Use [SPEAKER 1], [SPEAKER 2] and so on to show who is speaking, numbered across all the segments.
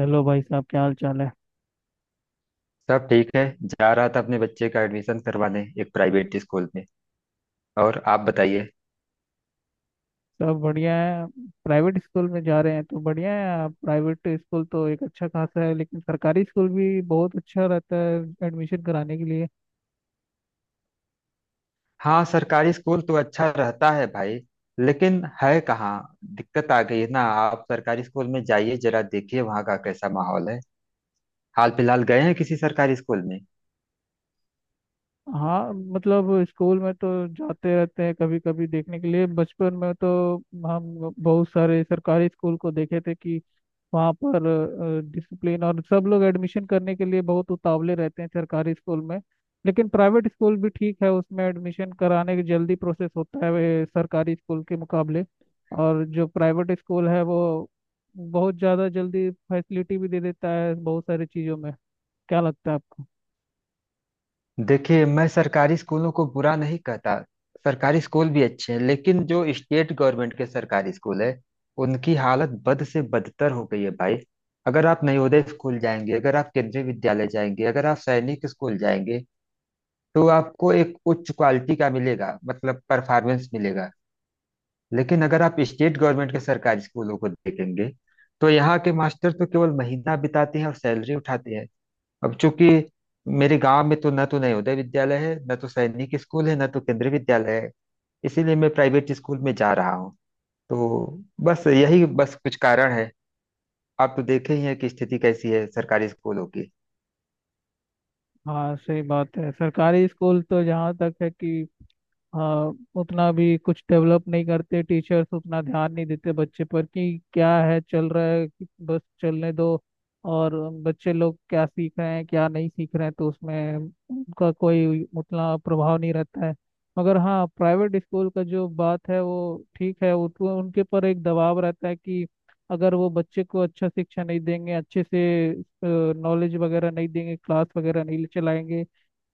[SPEAKER 1] Hello भाई साहब, क्या हाल चाल है।
[SPEAKER 2] सब ठीक है। जा रहा था अपने बच्चे का एडमिशन करवाने एक प्राइवेट स्कूल में। और आप बताइए।
[SPEAKER 1] सब बढ़िया है। प्राइवेट स्कूल में जा रहे हैं तो बढ़िया है। आप प्राइवेट स्कूल तो एक अच्छा खासा है, लेकिन सरकारी स्कूल भी बहुत अच्छा रहता है एडमिशन कराने के लिए।
[SPEAKER 2] हाँ, सरकारी स्कूल तो अच्छा रहता है भाई, लेकिन है कहाँ। दिक्कत आ गई है ना। आप सरकारी स्कूल में जाइए, जरा देखिए वहाँ का कैसा माहौल है। हाल फिलहाल गए हैं किसी सरकारी स्कूल में?
[SPEAKER 1] हाँ, मतलब स्कूल में तो जाते रहते हैं कभी कभी देखने के लिए। बचपन में तो हम बहुत सारे सरकारी स्कूल को देखे थे कि वहाँ पर डिसिप्लिन, और सब लोग एडमिशन करने के लिए बहुत उतावले रहते हैं सरकारी स्कूल में। लेकिन प्राइवेट स्कूल भी ठीक है, उसमें एडमिशन कराने की जल्दी प्रोसेस होता है वे सरकारी स्कूल के मुकाबले। और जो प्राइवेट स्कूल है वो बहुत ज़्यादा जल्दी फैसिलिटी भी दे देता है बहुत सारी चीज़ों में। क्या लगता है आपको?
[SPEAKER 2] देखिए, मैं सरकारी स्कूलों को बुरा नहीं कहता। सरकारी स्कूल भी अच्छे हैं, लेकिन जो स्टेट गवर्नमेंट के सरकारी स्कूल है, उनकी हालत बद से बदतर हो गई है भाई। अगर आप नवोदय स्कूल जाएंगे, अगर आप केंद्रीय विद्यालय जाएंगे, अगर आप सैनिक स्कूल जाएंगे, तो आपको एक उच्च क्वालिटी का मिलेगा, मतलब परफॉर्मेंस मिलेगा। लेकिन अगर आप स्टेट गवर्नमेंट के सरकारी स्कूलों को देखेंगे, तो यहाँ के मास्टर तो केवल महीना बिताते हैं और सैलरी उठाते हैं। अब चूंकि मेरे गांव में तो न तो नवोदय विद्यालय है, न तो सैनिक स्कूल है, न तो केंद्रीय विद्यालय है, इसीलिए मैं प्राइवेट स्कूल में जा रहा हूँ। तो बस यही बस कुछ कारण है। आप तो देखे ही हैं कि स्थिति कैसी है सरकारी स्कूलों की।
[SPEAKER 1] हाँ, सही बात है। सरकारी स्कूल तो जहाँ तक है कि हाँ, उतना भी कुछ डेवलप नहीं करते, टीचर्स उतना ध्यान नहीं देते बच्चे पर कि क्या है, चल रहा है कि बस चलने दो। और बच्चे लोग क्या सीख रहे हैं क्या नहीं सीख रहे हैं, तो उसमें उनका कोई उतना प्रभाव नहीं रहता है। मगर हाँ, प्राइवेट स्कूल का जो बात है वो ठीक है, उनके पर एक दबाव रहता है कि अगर वो बच्चे को अच्छा शिक्षा नहीं देंगे अच्छे से, नॉलेज वगैरह नहीं देंगे, क्लास वगैरह नहीं चलाएंगे,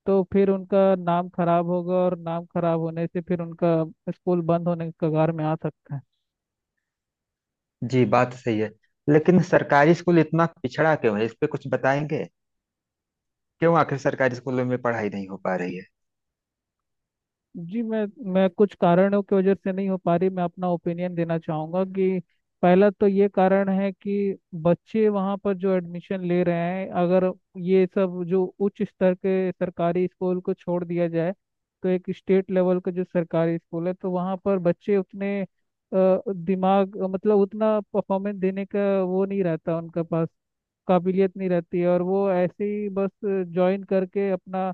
[SPEAKER 1] तो फिर उनका नाम खराब होगा, और नाम खराब होने से फिर उनका स्कूल बंद होने के कगार में आ सकता है।
[SPEAKER 2] जी, बात सही है। लेकिन सरकारी स्कूल इतना पिछड़ा क्यों है, इस पे कुछ बताएंगे? क्यों आखिर सरकारी स्कूलों में पढ़ाई नहीं हो पा रही है?
[SPEAKER 1] जी, मैं कुछ कारणों की वजह से नहीं हो पा रही, मैं अपना ओपिनियन देना चाहूँगा कि पहला तो ये कारण है कि बच्चे वहाँ पर जो एडमिशन ले रहे हैं, अगर ये सब जो उच्च स्तर के सरकारी स्कूल को छोड़ दिया जाए, तो एक स्टेट लेवल का जो सरकारी स्कूल है तो वहाँ पर बच्चे उतने दिमाग, मतलब उतना परफॉर्मेंस देने का वो नहीं रहता उनके पास, काबिलियत नहीं रहती है। और वो ऐसे ही बस ज्वाइन करके अपना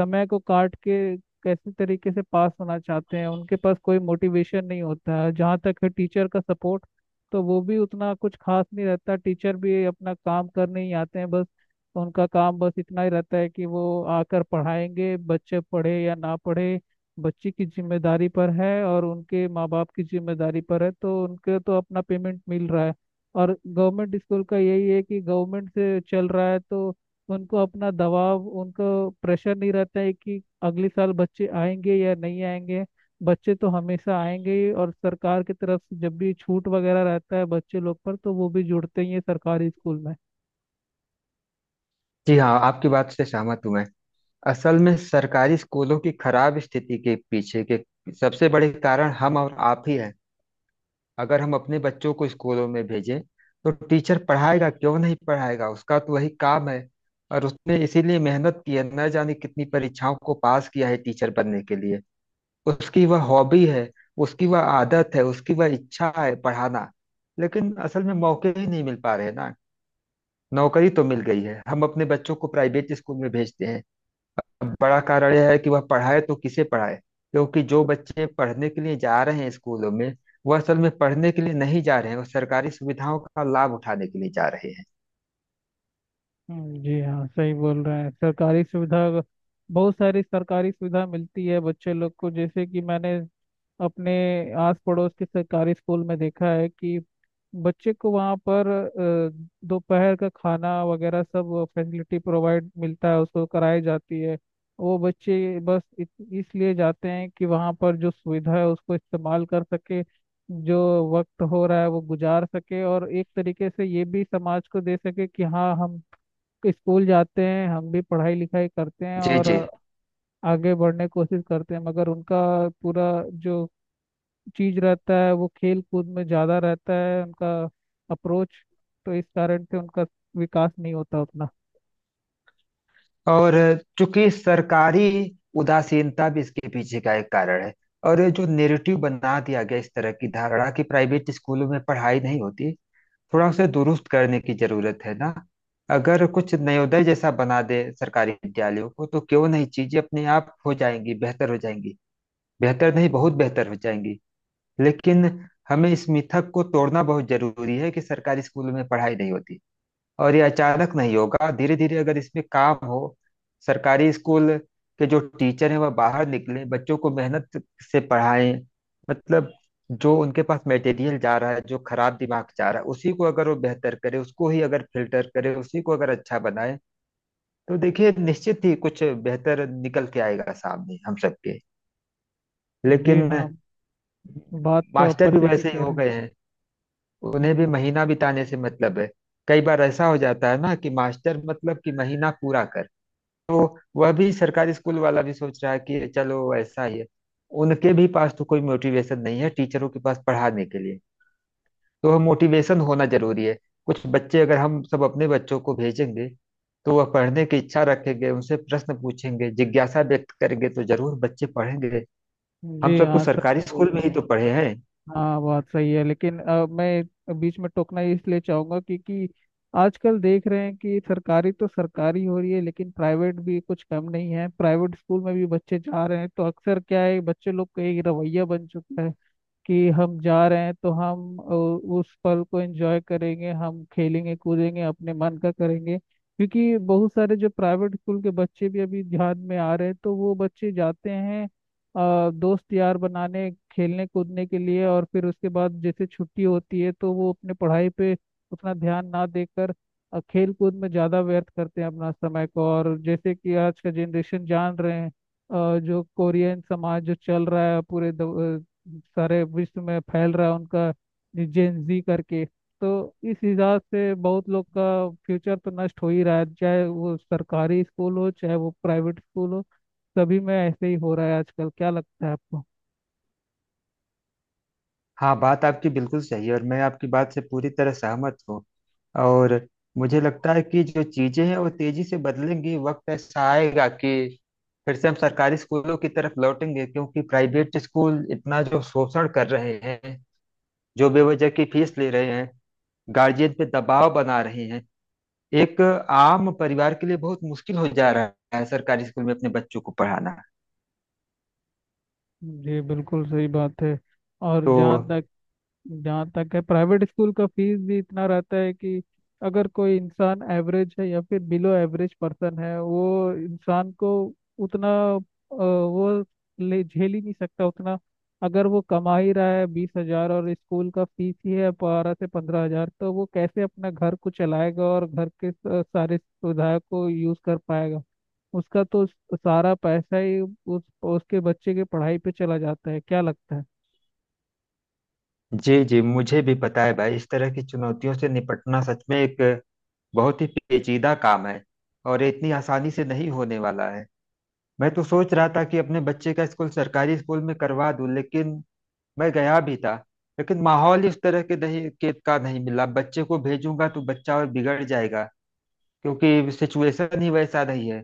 [SPEAKER 1] समय को काट के कैसे तरीके से पास होना चाहते हैं, उनके पास कोई मोटिवेशन नहीं होता है। जहाँ तक है टीचर का सपोर्ट, तो वो भी उतना कुछ खास नहीं रहता। टीचर भी अपना काम करने ही आते हैं बस, उनका काम बस इतना ही रहता है कि वो आकर पढ़ाएंगे, बच्चे पढ़े या ना पढ़े, बच्चे की जिम्मेदारी पर है और उनके माँ बाप की जिम्मेदारी पर है। तो उनके तो अपना पेमेंट मिल रहा है, और गवर्नमेंट स्कूल का यही है कि गवर्नमेंट से चल रहा है, तो उनको अपना दबाव, उनको प्रेशर नहीं रहता है कि अगले साल बच्चे आएंगे या नहीं आएंगे। बच्चे तो हमेशा आएंगे ही, और सरकार की तरफ से जब भी छूट वगैरह रहता है बच्चे लोग पर, तो वो भी जुड़ते ही है सरकारी स्कूल में।
[SPEAKER 2] जी हाँ, आपकी बात से सहमत हूं मैं। असल में सरकारी स्कूलों की खराब स्थिति के पीछे के सबसे बड़े कारण हम और आप ही हैं। अगर हम अपने बच्चों को स्कूलों में भेजें, तो टीचर पढ़ाएगा, क्यों नहीं पढ़ाएगा, उसका तो वही काम है। और उसने इसीलिए मेहनत की है, न जाने कितनी परीक्षाओं को पास किया है टीचर बनने के लिए। उसकी वह हॉबी है, उसकी वह आदत है, उसकी वह इच्छा है पढ़ाना। लेकिन असल में मौके ही नहीं मिल पा रहे ना। नौकरी तो मिल गई है, हम अपने बच्चों को प्राइवेट स्कूल में भेजते हैं। अब बड़ा कारण यह है कि वह पढ़ाए तो किसे पढ़ाए। क्योंकि जो बच्चे पढ़ने के लिए जा रहे हैं स्कूलों में, वह असल में पढ़ने के लिए नहीं जा रहे हैं, वह सरकारी सुविधाओं का लाभ उठाने के लिए जा रहे हैं।
[SPEAKER 1] जी हाँ, सही बोल रहे हैं। सरकारी सुविधा, बहुत सारी सरकारी सुविधा मिलती है बच्चे लोग को, जैसे कि मैंने अपने आस पड़ोस के सरकारी स्कूल में देखा है कि बच्चे को वहाँ पर दोपहर का खाना वगैरह, सब फैसिलिटी प्रोवाइड मिलता है, उसको कराई जाती है। वो बच्चे बस इसलिए जाते हैं कि वहाँ पर जो सुविधा है उसको इस्तेमाल कर सके, जो वक्त हो रहा है वो गुजार सके, और एक तरीके से ये भी समाज को दे सके कि हाँ, हम स्कूल जाते हैं, हम भी पढ़ाई लिखाई करते हैं
[SPEAKER 2] जी
[SPEAKER 1] और
[SPEAKER 2] जी
[SPEAKER 1] आगे बढ़ने की कोशिश करते हैं। मगर उनका पूरा जो चीज रहता है वो खेल कूद में ज्यादा रहता है, उनका अप्रोच, तो इस कारण से उनका विकास नहीं होता उतना।
[SPEAKER 2] और चूंकि सरकारी उदासीनता भी इसके पीछे का एक कारण है। और ये जो नेरेटिव बना दिया गया, इस तरह की धारणा कि प्राइवेट स्कूलों में पढ़ाई नहीं होती, थोड़ा उसे दुरुस्त करने की जरूरत है ना। अगर कुछ नवोदय जैसा बना दे सरकारी विद्यालयों को, तो क्यों नहीं चीजें अपने आप हो जाएंगी, बेहतर हो जाएंगी। बेहतर नहीं, बहुत बेहतर हो जाएंगी। लेकिन हमें इस मिथक को तोड़ना बहुत जरूरी है कि सरकारी स्कूल में पढ़ाई नहीं होती। और ये अचानक नहीं होगा, धीरे धीरे अगर इसमें काम हो, सरकारी स्कूल के जो टीचर हैं वह बाहर निकले, बच्चों को मेहनत से पढ़ाएं। मतलब जो उनके पास मटेरियल जा रहा है, जो खराब दिमाग जा रहा है, उसी को अगर वो बेहतर करे, उसको ही अगर फिल्टर करे, उसी को अगर अच्छा बनाए, तो देखिए, निश्चित ही कुछ बेहतर निकल के आएगा सामने हम सबके।
[SPEAKER 1] जी
[SPEAKER 2] लेकिन
[SPEAKER 1] हाँ, बात तो आप
[SPEAKER 2] मास्टर भी
[SPEAKER 1] पते की
[SPEAKER 2] वैसे ही
[SPEAKER 1] कह
[SPEAKER 2] हो
[SPEAKER 1] रहे हैं।
[SPEAKER 2] गए हैं, उन्हें भी
[SPEAKER 1] हम्म,
[SPEAKER 2] महीना बिताने से मतलब है। कई बार ऐसा हो जाता है ना, कि मास्टर, मतलब कि महीना पूरा कर, तो वह भी सरकारी स्कूल वाला भी सोच रहा है कि चलो ऐसा ही है। उनके भी पास तो कोई मोटिवेशन नहीं है, टीचरों के पास पढ़ाने के लिए। तो मोटिवेशन होना जरूरी है। कुछ बच्चे अगर हम सब अपने बच्चों को भेजेंगे, तो वह पढ़ने की इच्छा रखेंगे, उनसे प्रश्न पूछेंगे, जिज्ञासा व्यक्त करेंगे, तो जरूर बच्चे पढ़ेंगे। हम
[SPEAKER 1] जी
[SPEAKER 2] सब तो
[SPEAKER 1] हाँ, सब
[SPEAKER 2] सरकारी
[SPEAKER 1] बोल
[SPEAKER 2] स्कूल में
[SPEAKER 1] रहे
[SPEAKER 2] ही
[SPEAKER 1] हैं।
[SPEAKER 2] तो पढ़े हैं।
[SPEAKER 1] हाँ, बात सही है लेकिन मैं बीच में टोकना इसलिए चाहूंगा, क्योंकि आजकल देख रहे हैं कि सरकारी तो सरकारी हो रही है, लेकिन प्राइवेट भी कुछ कम नहीं है। प्राइवेट स्कूल में भी बच्चे जा रहे हैं, तो अक्सर क्या है, बच्चे लोग का एक रवैया बन चुका है कि हम जा रहे हैं तो हम उस पल को एंजॉय करेंगे, हम खेलेंगे कूदेंगे, अपने मन का करेंगे। क्योंकि बहुत सारे जो प्राइवेट स्कूल के बच्चे भी अभी ध्यान में आ रहे हैं, तो वो बच्चे जाते हैं दोस्त यार बनाने, खेलने कूदने के लिए, और फिर उसके बाद जैसे छुट्टी होती है तो वो अपने पढ़ाई पे उतना ध्यान ना देकर खेल कूद में ज़्यादा व्यर्थ करते हैं अपना समय को। और जैसे कि आज का जनरेशन जान रहे हैं जो कोरियन समाज जो चल रहा है पूरे सारे विश्व में फैल रहा है, उनका जेन जी करके, तो इस हिसाब से बहुत लोग का फ्यूचर तो नष्ट हो ही रहा है, चाहे वो सरकारी स्कूल हो चाहे वो प्राइवेट स्कूल हो, सभी में ऐसे ही हो रहा है आजकल। क्या लगता है आपको?
[SPEAKER 2] हाँ, बात आपकी बिल्कुल सही है, और मैं आपकी बात से पूरी तरह सहमत हूँ। और मुझे लगता है कि जो चीजें हैं वो तेजी से बदलेंगी। वक्त ऐसा आएगा कि फिर से हम सरकारी स्कूलों की तरफ लौटेंगे, क्योंकि प्राइवेट स्कूल इतना जो शोषण कर रहे हैं, जो बेवजह की फीस ले रहे हैं, गार्जियन पे दबाव बना रहे हैं, एक आम परिवार के लिए बहुत मुश्किल हो जा रहा है सरकारी स्कूल में अपने बच्चों को पढ़ाना।
[SPEAKER 1] जी, बिल्कुल सही बात है। और
[SPEAKER 2] तो
[SPEAKER 1] जहाँ तक है प्राइवेट स्कूल का फीस भी इतना रहता है कि अगर कोई इंसान एवरेज है या फिर बिलो एवरेज पर्सन है, वो इंसान को उतना अ, वो ले झेल ही नहीं सकता उतना। अगर वो कमा ही रहा है 20 हजार, और स्कूल का फीस ही है 12 से 15 हजार, तो वो कैसे अपना घर को चलाएगा और घर के सारे सुविधाओं को यूज कर पाएगा? उसका तो सारा पैसा ही उस उसके बच्चे के पढ़ाई पे चला जाता है। क्या लगता है?
[SPEAKER 2] जी जी, मुझे भी पता है भाई, इस तरह की चुनौतियों से निपटना सच में एक बहुत ही पेचीदा काम है। और ये इतनी आसानी से नहीं होने वाला है। मैं तो सोच रहा था कि अपने बच्चे का स्कूल सरकारी स्कूल में करवा दूं, लेकिन मैं गया भी था, लेकिन माहौल इस तरह के नहीं के का नहीं मिला। बच्चे को भेजूंगा तो बच्चा और बिगड़ जाएगा, क्योंकि सिचुएशन ही वैसा नहीं है।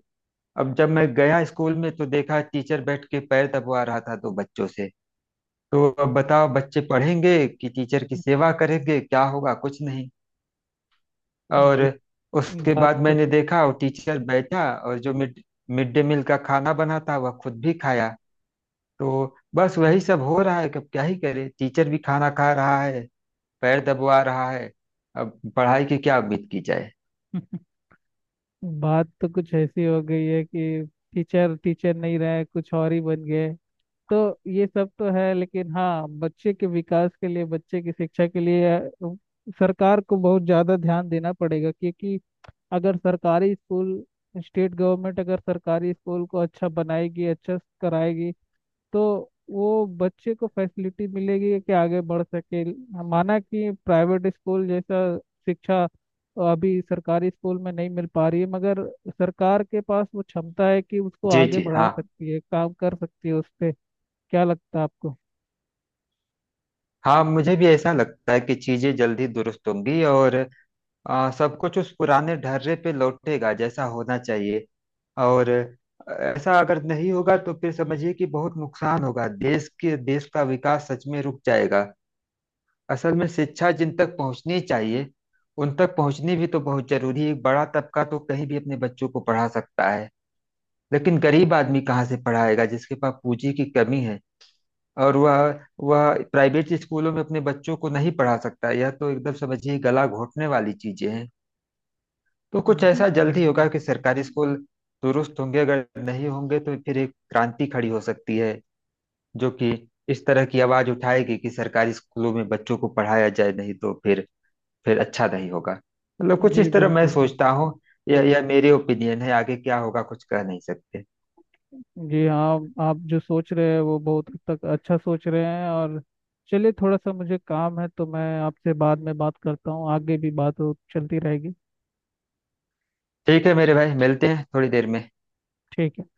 [SPEAKER 2] अब जब मैं गया स्कूल में, तो देखा टीचर बैठ के पैर दबवा रहा था दो बच्चों से। तो अब बताओ, बच्चे पढ़ेंगे कि टीचर की सेवा करेंगे, क्या होगा, कुछ नहीं। और
[SPEAKER 1] जी,
[SPEAKER 2] उसके
[SPEAKER 1] बात
[SPEAKER 2] बाद
[SPEAKER 1] तो
[SPEAKER 2] मैंने देखा वो टीचर बैठा और जो मिड मिड डे मील का खाना बना था वह खुद भी खाया। तो बस वही सब हो रहा है। अब क्या ही करे, टीचर भी खाना खा रहा है, पैर दबवा रहा है, अब पढ़ाई की क्या उम्मीद की जाए।
[SPEAKER 1] बात तो कुछ ऐसी हो गई है कि टीचर टीचर नहीं रहे, कुछ और ही बन गए। तो ये सब तो है, लेकिन हाँ, बच्चे के विकास के लिए, बच्चे की शिक्षा के लिए सरकार को बहुत ज्यादा ध्यान देना पड़ेगा। क्योंकि अगर सरकारी स्कूल, स्टेट गवर्नमेंट अगर सरकारी स्कूल को अच्छा बनाएगी, अच्छा कराएगी, तो वो बच्चे को फैसिलिटी मिलेगी कि आगे बढ़ सके। माना कि प्राइवेट स्कूल जैसा शिक्षा अभी सरकारी स्कूल में नहीं मिल पा रही है, मगर सरकार के पास वो क्षमता है कि उसको
[SPEAKER 2] जी
[SPEAKER 1] आगे
[SPEAKER 2] जी
[SPEAKER 1] बढ़ा
[SPEAKER 2] हाँ,
[SPEAKER 1] सकती है, काम कर सकती है उस पे। क्या लगता है आपको?
[SPEAKER 2] हाँ मुझे भी ऐसा लगता है कि चीजें जल्दी दुरुस्त होंगी। और सब कुछ उस पुराने ढर्रे पे लौटेगा जैसा होना चाहिए। और ऐसा अगर नहीं होगा, तो फिर समझिए कि बहुत नुकसान होगा, देश के देश का विकास सच में रुक जाएगा। असल में शिक्षा जिन तक पहुंचनी चाहिए, उन तक पहुंचनी भी तो बहुत जरूरी है। एक बड़ा तबका तो कहीं भी अपने बच्चों को पढ़ा सकता है, लेकिन गरीब आदमी कहाँ से पढ़ाएगा, जिसके पास पूंजी की कमी है, और वह प्राइवेट स्कूलों में अपने बच्चों को नहीं पढ़ा सकता। यह तो एकदम समझिए गला घोटने वाली चीजें हैं। तो कुछ
[SPEAKER 1] जी,
[SPEAKER 2] ऐसा जल्दी होगा कि सरकारी स्कूल दुरुस्त होंगे, अगर नहीं होंगे तो फिर एक क्रांति खड़ी हो सकती है, जो कि इस तरह की आवाज उठाएगी कि सरकारी स्कूलों में बच्चों को पढ़ाया जाए, नहीं तो फिर अच्छा नहीं होगा। मतलब कुछ
[SPEAKER 1] जी
[SPEAKER 2] इस तरह मैं
[SPEAKER 1] बिल्कुल
[SPEAKER 2] सोचता
[SPEAKER 1] बिल्कुल।
[SPEAKER 2] हूँ। यह मेरे ओपिनियन है, आगे क्या होगा कुछ कह नहीं सकते।
[SPEAKER 1] जी हाँ, आप जो सोच रहे हैं वो बहुत हद तक अच्छा सोच रहे हैं। और चलिए, थोड़ा सा मुझे काम है, तो मैं आपसे बाद में बात करता हूँ, आगे भी बात चलती रहेगी।
[SPEAKER 2] ठीक है मेरे भाई, मिलते हैं थोड़ी देर में।
[SPEAKER 1] ठीक है।